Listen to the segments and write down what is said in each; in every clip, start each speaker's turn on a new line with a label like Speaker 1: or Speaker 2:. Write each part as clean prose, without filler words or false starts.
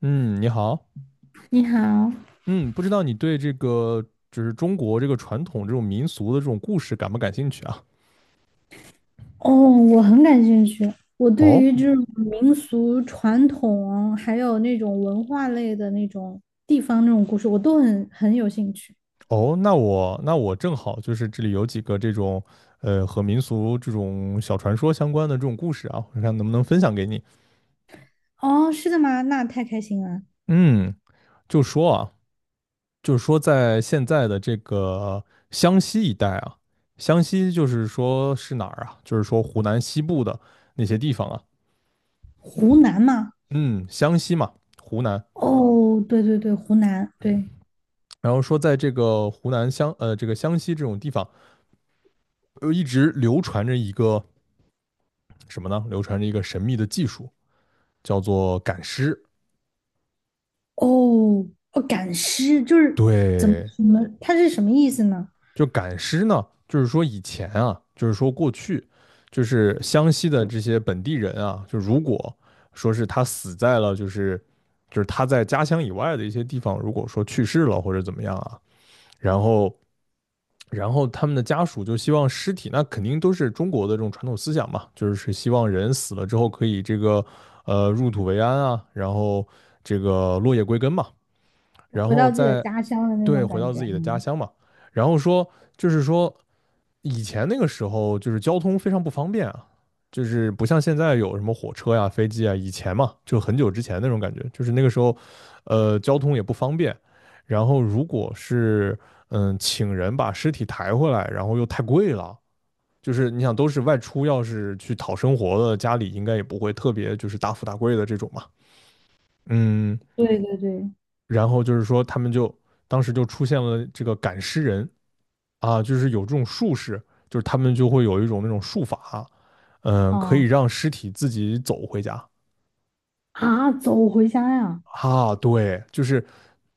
Speaker 1: 嗯，你好。
Speaker 2: 你好，
Speaker 1: 嗯，不知道你对这个就是中国这个传统这种民俗的这种故事感不感兴趣啊？
Speaker 2: 哦，我很感兴趣。我对
Speaker 1: 哦
Speaker 2: 于这种民俗传统，还有那种文化类的那种地方那种故事，我都很有兴趣。
Speaker 1: 哦，那我正好就是这里有几个这种和民俗这种小传说相关的这种故事啊，我看能不能分享给你。
Speaker 2: 哦，是的吗？那太开心了。
Speaker 1: 嗯，就说啊，就是说在现在的这个湘西一带啊，湘西就是说是哪儿啊？就是说湖南西部的那些地方啊，
Speaker 2: 湖南吗？
Speaker 1: 嗯，湘西嘛，湖南。
Speaker 2: 哦，对对对，湖南，对。
Speaker 1: 然后说在这个湖南这个湘西这种地方，一直流传着一个什么呢？流传着一个神秘的技术，叫做赶尸。
Speaker 2: 哦，哦，赶尸就是怎么
Speaker 1: 对，
Speaker 2: 什么，它是什么意思呢？
Speaker 1: 就赶尸呢，就是说以前啊，就是说过去，就是湘西的这些本地人啊，就如果说是他死在了就是他在家乡以外的一些地方，如果说去世了或者怎么样啊，然后然后他们的家属就希望尸体，那肯定都是中国的这种传统思想嘛，就是希望人死了之后可以这个入土为安啊，然后这个落叶归根嘛，然
Speaker 2: 回
Speaker 1: 后
Speaker 2: 到自己的
Speaker 1: 再，
Speaker 2: 家乡的那
Speaker 1: 对，
Speaker 2: 种
Speaker 1: 回
Speaker 2: 感
Speaker 1: 到
Speaker 2: 觉
Speaker 1: 自己的家
Speaker 2: 吗？
Speaker 1: 乡嘛。然后说就是说以前那个时候就是交通非常不方便啊，就是不像现在有什么火车呀、飞机啊，以前嘛就很久之前那种感觉，就是那个时候交通也不方便，然后如果是请人把尸体抬回来，然后又太贵了。就是你想都是外出，要是去讨生活的，家里应该也不会特别就是大富大贵的这种嘛。嗯。
Speaker 2: 对对对，
Speaker 1: 然后就是说他们就当时就出现了这个赶尸人啊，就是有这种术士，就是他们就会有一种那种术法，可以
Speaker 2: 哦
Speaker 1: 让尸体自己走回家
Speaker 2: 啊，走回家呀。
Speaker 1: 啊。对，就是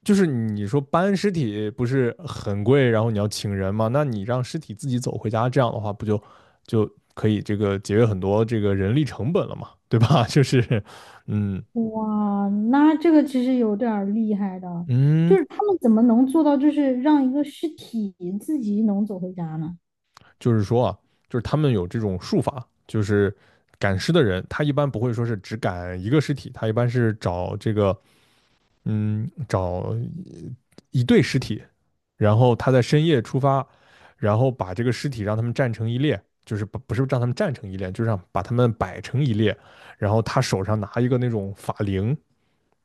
Speaker 1: 就是你说搬尸体不是很贵，然后你要请人嘛，那你让尸体自己走回家，这样的话不就可以这个节约很多这个人力成本了嘛，对吧？就是，嗯
Speaker 2: 哇，那这个其实有点儿厉害的，就
Speaker 1: 嗯。
Speaker 2: 是他们怎么能做到，就是让一个尸体自己能走回家呢？
Speaker 1: 就是说啊，就是他们有这种术法，就是赶尸的人，他一般不会说是只赶一个尸体，他一般是找这个找一对尸体，然后他在深夜出发，然后把这个尸体让他们站成一列，就是不是让他们站成一列，就是让把他们摆成一列，然后他手上拿一个那种法铃，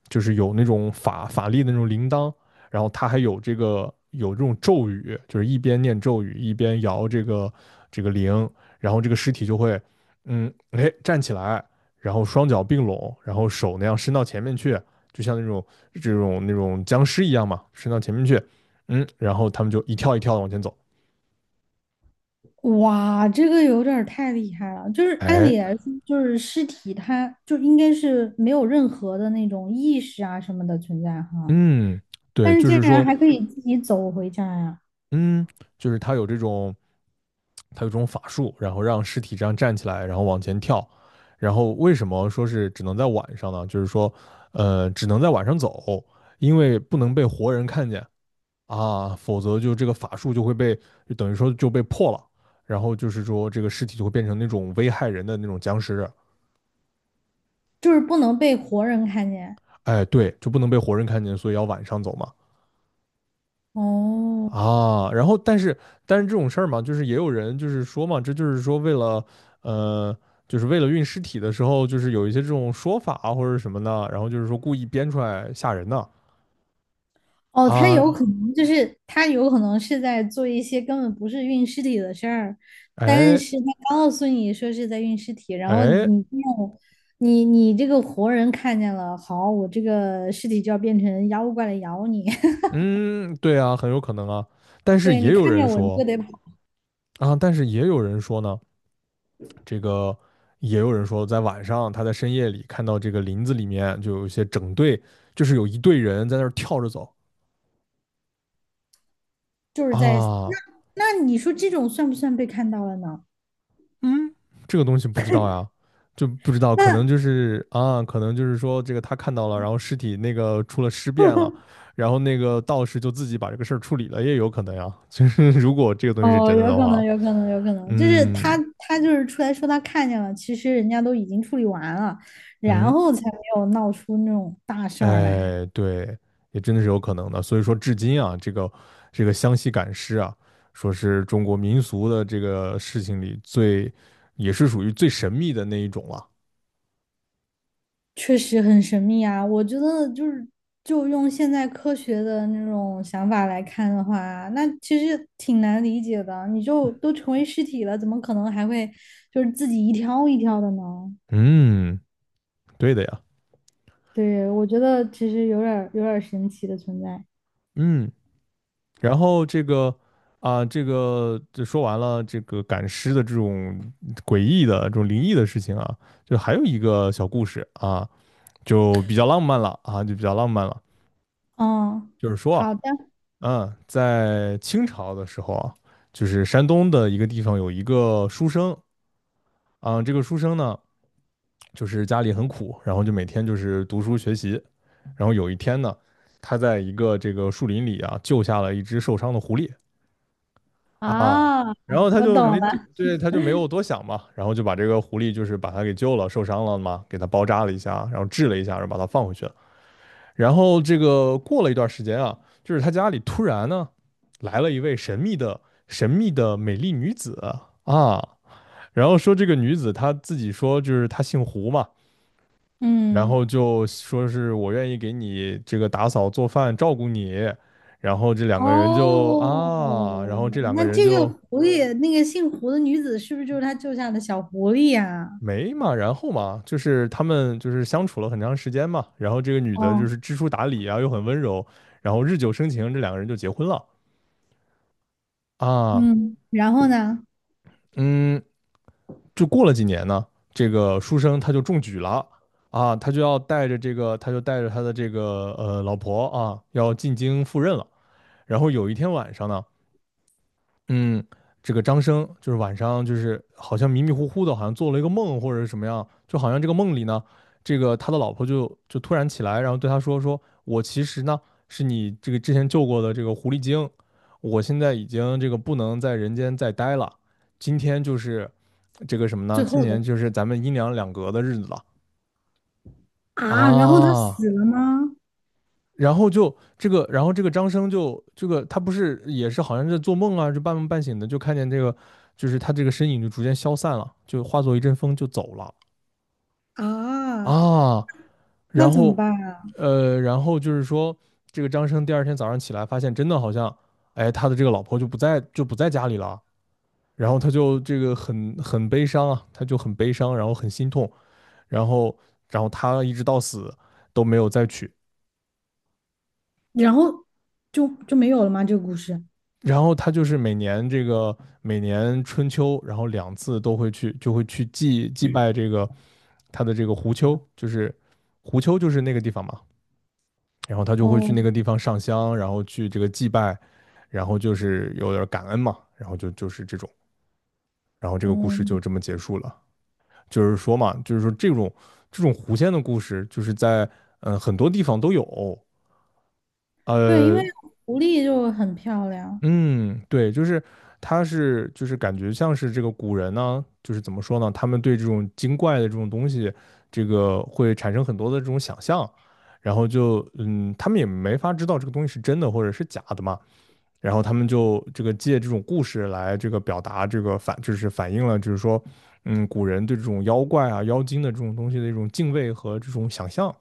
Speaker 1: 就是有那种法力的那种铃铛，然后他还有这个有这种咒语，就是一边念咒语一边摇这个铃，然后这个尸体就会，哎，站起来，然后双脚并拢，然后手那样伸到前面去，就像那种僵尸一样嘛，伸到前面去，然后他们就一跳一跳的往前走。
Speaker 2: 哇，这个有点儿太厉害了。就是按
Speaker 1: 哎，
Speaker 2: 理来说，就是尸体它就应该是没有任何的那种意识啊什么的存在哈，
Speaker 1: 嗯，对，
Speaker 2: 但是
Speaker 1: 就
Speaker 2: 竟
Speaker 1: 是
Speaker 2: 然
Speaker 1: 说，
Speaker 2: 还可以自己走回家呀，
Speaker 1: 嗯，就是他有这种，他有这种法术，然后让尸体这样站起来，然后往前跳。然后为什么说是只能在晚上呢？就是说，只能在晚上走，因为不能被活人看见啊，否则就这个法术就会被，就等于说就被破了。然后就是说，这个尸体就会变成那种危害人的那种僵尸，
Speaker 2: 就是不能被活人看见。
Speaker 1: 哎，对，就不能被活人看见，所以要晚上走嘛。
Speaker 2: 哦，
Speaker 1: 啊，然后但是这种事儿嘛，就是也有人就是说嘛，这就是说为了呃，就是为了运尸体的时候，就是有一些这种说法啊或者什么的，然后就是说故意编出来吓人的
Speaker 2: 哦，他有
Speaker 1: 啊，
Speaker 2: 可能就是他有可能是在做一些根本不是运尸体的事儿，但
Speaker 1: 哎
Speaker 2: 是他告诉你说是在运尸体，然后你
Speaker 1: 哎，
Speaker 2: 没有你你这个活人看见了，好，我这个尸体就要变成妖怪来咬你，
Speaker 1: 嗯，对啊，很有可能啊。但是
Speaker 2: 对
Speaker 1: 也
Speaker 2: 你
Speaker 1: 有
Speaker 2: 看
Speaker 1: 人
Speaker 2: 见我你
Speaker 1: 说
Speaker 2: 就得跑，
Speaker 1: 但是也有人说呢，这个也有人说在晚上他在深夜里看到这个林子里面就有一些整队，就是有一队人在那儿跳着走。
Speaker 2: 就是在那
Speaker 1: 啊，
Speaker 2: 那你说这种算不算被看到了呢？
Speaker 1: 嗯，这个东西不知道呀，就不知道，可能
Speaker 2: 那
Speaker 1: 就是啊，可能就是说这个他看到了，然后尸体那个出了尸变了，然后那个道士就自己把这个事儿处理了，也有可能呀。就是如果这个东西是
Speaker 2: 哦，
Speaker 1: 真的
Speaker 2: 有
Speaker 1: 的
Speaker 2: 可
Speaker 1: 话，
Speaker 2: 能，有可能，有可能，就是
Speaker 1: 嗯
Speaker 2: 他就是出来说他看见了，其实人家都已经处理完了，然
Speaker 1: 嗯，
Speaker 2: 后才没有闹出那种大事儿来，
Speaker 1: 哎，对，也真的是有可能的。所以说，至今啊，这个湘西赶尸啊，说是中国民俗的这个事情里最，也是属于最神秘的那一种了。
Speaker 2: 确实很神秘啊。我觉得就用现在科学的那种想法来看的话，那其实挺难理解的。你就都成为尸体了，怎么可能还会就是自己一条一条的呢？
Speaker 1: 嗯，对的呀。
Speaker 2: 对，我觉得其实有点儿神奇的存在。
Speaker 1: 嗯，然后这个啊，这个就说完了这个赶尸的这种诡异的、这种灵异的事情啊，就还有一个小故事啊，就比较浪漫了啊，就比较浪漫了。
Speaker 2: 嗯，
Speaker 1: 就是说啊，
Speaker 2: 好的，
Speaker 1: 在清朝的时候啊，就是山东的一个地方有一个书生啊，这个书生呢，就是家里很苦，然后就每天就是读书学习，然后有一天呢，他在一个这个树林里啊，救下了一只受伤的狐狸。啊，
Speaker 2: 啊，
Speaker 1: 然后他
Speaker 2: 我
Speaker 1: 就
Speaker 2: 懂
Speaker 1: 没对，
Speaker 2: 了。
Speaker 1: 对他就没有多想嘛，然后就把这个狐狸就是把他给救了，受伤了嘛，给他包扎了一下，然后治了一下，然后把他放回去了。然后这个过了一段时间啊，就是他家里突然呢来了一位神秘的美丽女子啊，然后说这个女子她自己说就是她姓胡嘛，然
Speaker 2: 嗯，
Speaker 1: 后就说是我愿意给你这个打扫做饭照顾你，然后这两个人就
Speaker 2: 哦，
Speaker 1: 啊，然后这两个
Speaker 2: 那
Speaker 1: 人
Speaker 2: 这个
Speaker 1: 就。
Speaker 2: 狐狸，那个姓胡的女子是不是就是他救下的小狐狸呀、
Speaker 1: 没嘛，然后嘛，就是他们就是相处了很长时间嘛，然后这个女的就
Speaker 2: 哦，
Speaker 1: 是知书达理啊，又很温柔，然后日久生情，这两个人就结婚了啊。
Speaker 2: 嗯，然后呢？
Speaker 1: 嗯，就过了几年呢，这个书生他就中举了啊，他就带着他的这个老婆啊，要进京赴任了。然后有一天晚上呢，嗯，这个张生就是晚上就是好像迷迷糊糊的，好像做了一个梦或者是什么样，就好像这个梦里呢，这个他的老婆就突然起来，然后对他说，我其实呢是你这个之前救过的这个狐狸精，我现在已经这个不能在人间再待了，今天就是这个什么呢？
Speaker 2: 最
Speaker 1: 今
Speaker 2: 后的
Speaker 1: 年就是咱们阴阳两隔的日子了
Speaker 2: 啊，然后他
Speaker 1: 啊。
Speaker 2: 死了吗？
Speaker 1: 然后就这个，然后这个张生就这个，他不是也是好像在做梦啊，就半梦半醒的，就看见这个，就是他这个身影就逐渐消散了，就化作一阵风就走了
Speaker 2: 啊，
Speaker 1: 啊。
Speaker 2: 那
Speaker 1: 然
Speaker 2: 怎么
Speaker 1: 后
Speaker 2: 办啊？
Speaker 1: 然后就是说，这个张生第二天早上起来发现，真的好像，哎，他的这个老婆就不在，就不在家里了。然后他就这个很悲伤啊，他就很悲伤，然后很心痛，然后然后他一直到死都没有再娶。
Speaker 2: 然后就没有了吗？这个故事？
Speaker 1: 然后他就是每年这个每年春秋，然后两次都会去，就会去祭拜这个他的这个狐丘，就是狐丘就是那个地方嘛。然后他就会去
Speaker 2: 哦，
Speaker 1: 那个地方上香，然后去这个祭拜，然后就是有点感恩嘛，然后就是这种，然后这个故
Speaker 2: 哦，
Speaker 1: 事就这么结束了。就是说嘛，就是说这种狐仙的故事，就是在很多地方都有，
Speaker 2: 对，因为
Speaker 1: 呃，
Speaker 2: 狐狸就很漂亮，
Speaker 1: 嗯，对，就是他是就是感觉像是这个古人呢，就是怎么说呢，他们对这种精怪的这种东西，这个会产生很多的这种想象，然后就他们也没法知道这个东西是真的或者是假的嘛，然后他们就这个借这种故事来这个表达这个就是反映了就是说，古人对这种妖怪啊、妖精的这种东西的一种敬畏和这种想象。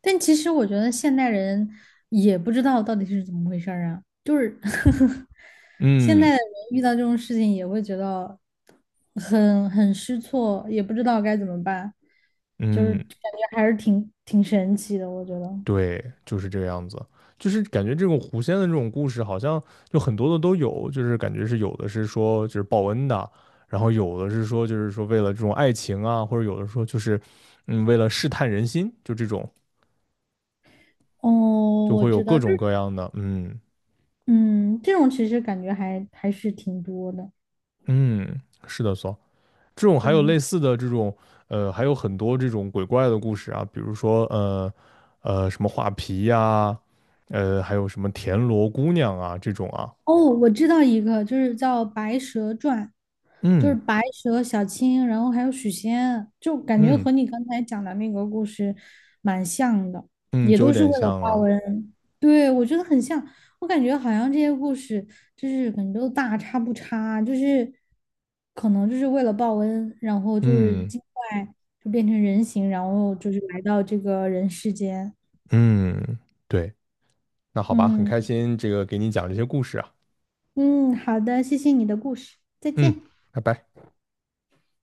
Speaker 2: 但其实我觉得现代人也不知道到底是怎么回事儿啊，就是 现在
Speaker 1: 嗯
Speaker 2: 的人遇到这种事情也会觉得很失措，也不知道该怎么办，就是
Speaker 1: 嗯，
Speaker 2: 感觉还是挺神奇的，我觉得。
Speaker 1: 对，就是这个样子，就是感觉这种狐仙的这种故事，好像就很多的都有，就是感觉是有的是说就是报恩的，然后有的是说就是说为了这种爱情啊，或者有的说就是为了试探人心，就这种
Speaker 2: 哦，
Speaker 1: 就
Speaker 2: 我
Speaker 1: 会有
Speaker 2: 知
Speaker 1: 各
Speaker 2: 道，就
Speaker 1: 种
Speaker 2: 是
Speaker 1: 各样的，嗯
Speaker 2: 嗯，这种其实感觉还是挺多的，
Speaker 1: 嗯，是的，这种还有
Speaker 2: 对。
Speaker 1: 类似的这种还有很多这种鬼怪的故事啊，比如说什么画皮呀、还有什么田螺姑娘啊这种啊，
Speaker 2: 哦，我知道一个，就是叫《白蛇传》，就是
Speaker 1: 嗯
Speaker 2: 白蛇、小青，然后还有许仙，就感觉
Speaker 1: 嗯。
Speaker 2: 和你刚才讲的那个故事蛮像的，
Speaker 1: 嗯，
Speaker 2: 也
Speaker 1: 就有
Speaker 2: 都是为
Speaker 1: 点
Speaker 2: 了
Speaker 1: 像
Speaker 2: 报
Speaker 1: 啊。
Speaker 2: 恩。对，我觉得很像，我感觉好像这些故事就是可能都大差不差，就是可能就是为了报恩，然后就是
Speaker 1: 嗯
Speaker 2: 精怪就变成人形，然后就是来到这个人世间。
Speaker 1: 嗯，对，那好吧，很开
Speaker 2: 嗯
Speaker 1: 心这个给你讲这些故事啊。
Speaker 2: 嗯，好的，谢谢你的故事，再
Speaker 1: 嗯，
Speaker 2: 见。
Speaker 1: 拜拜。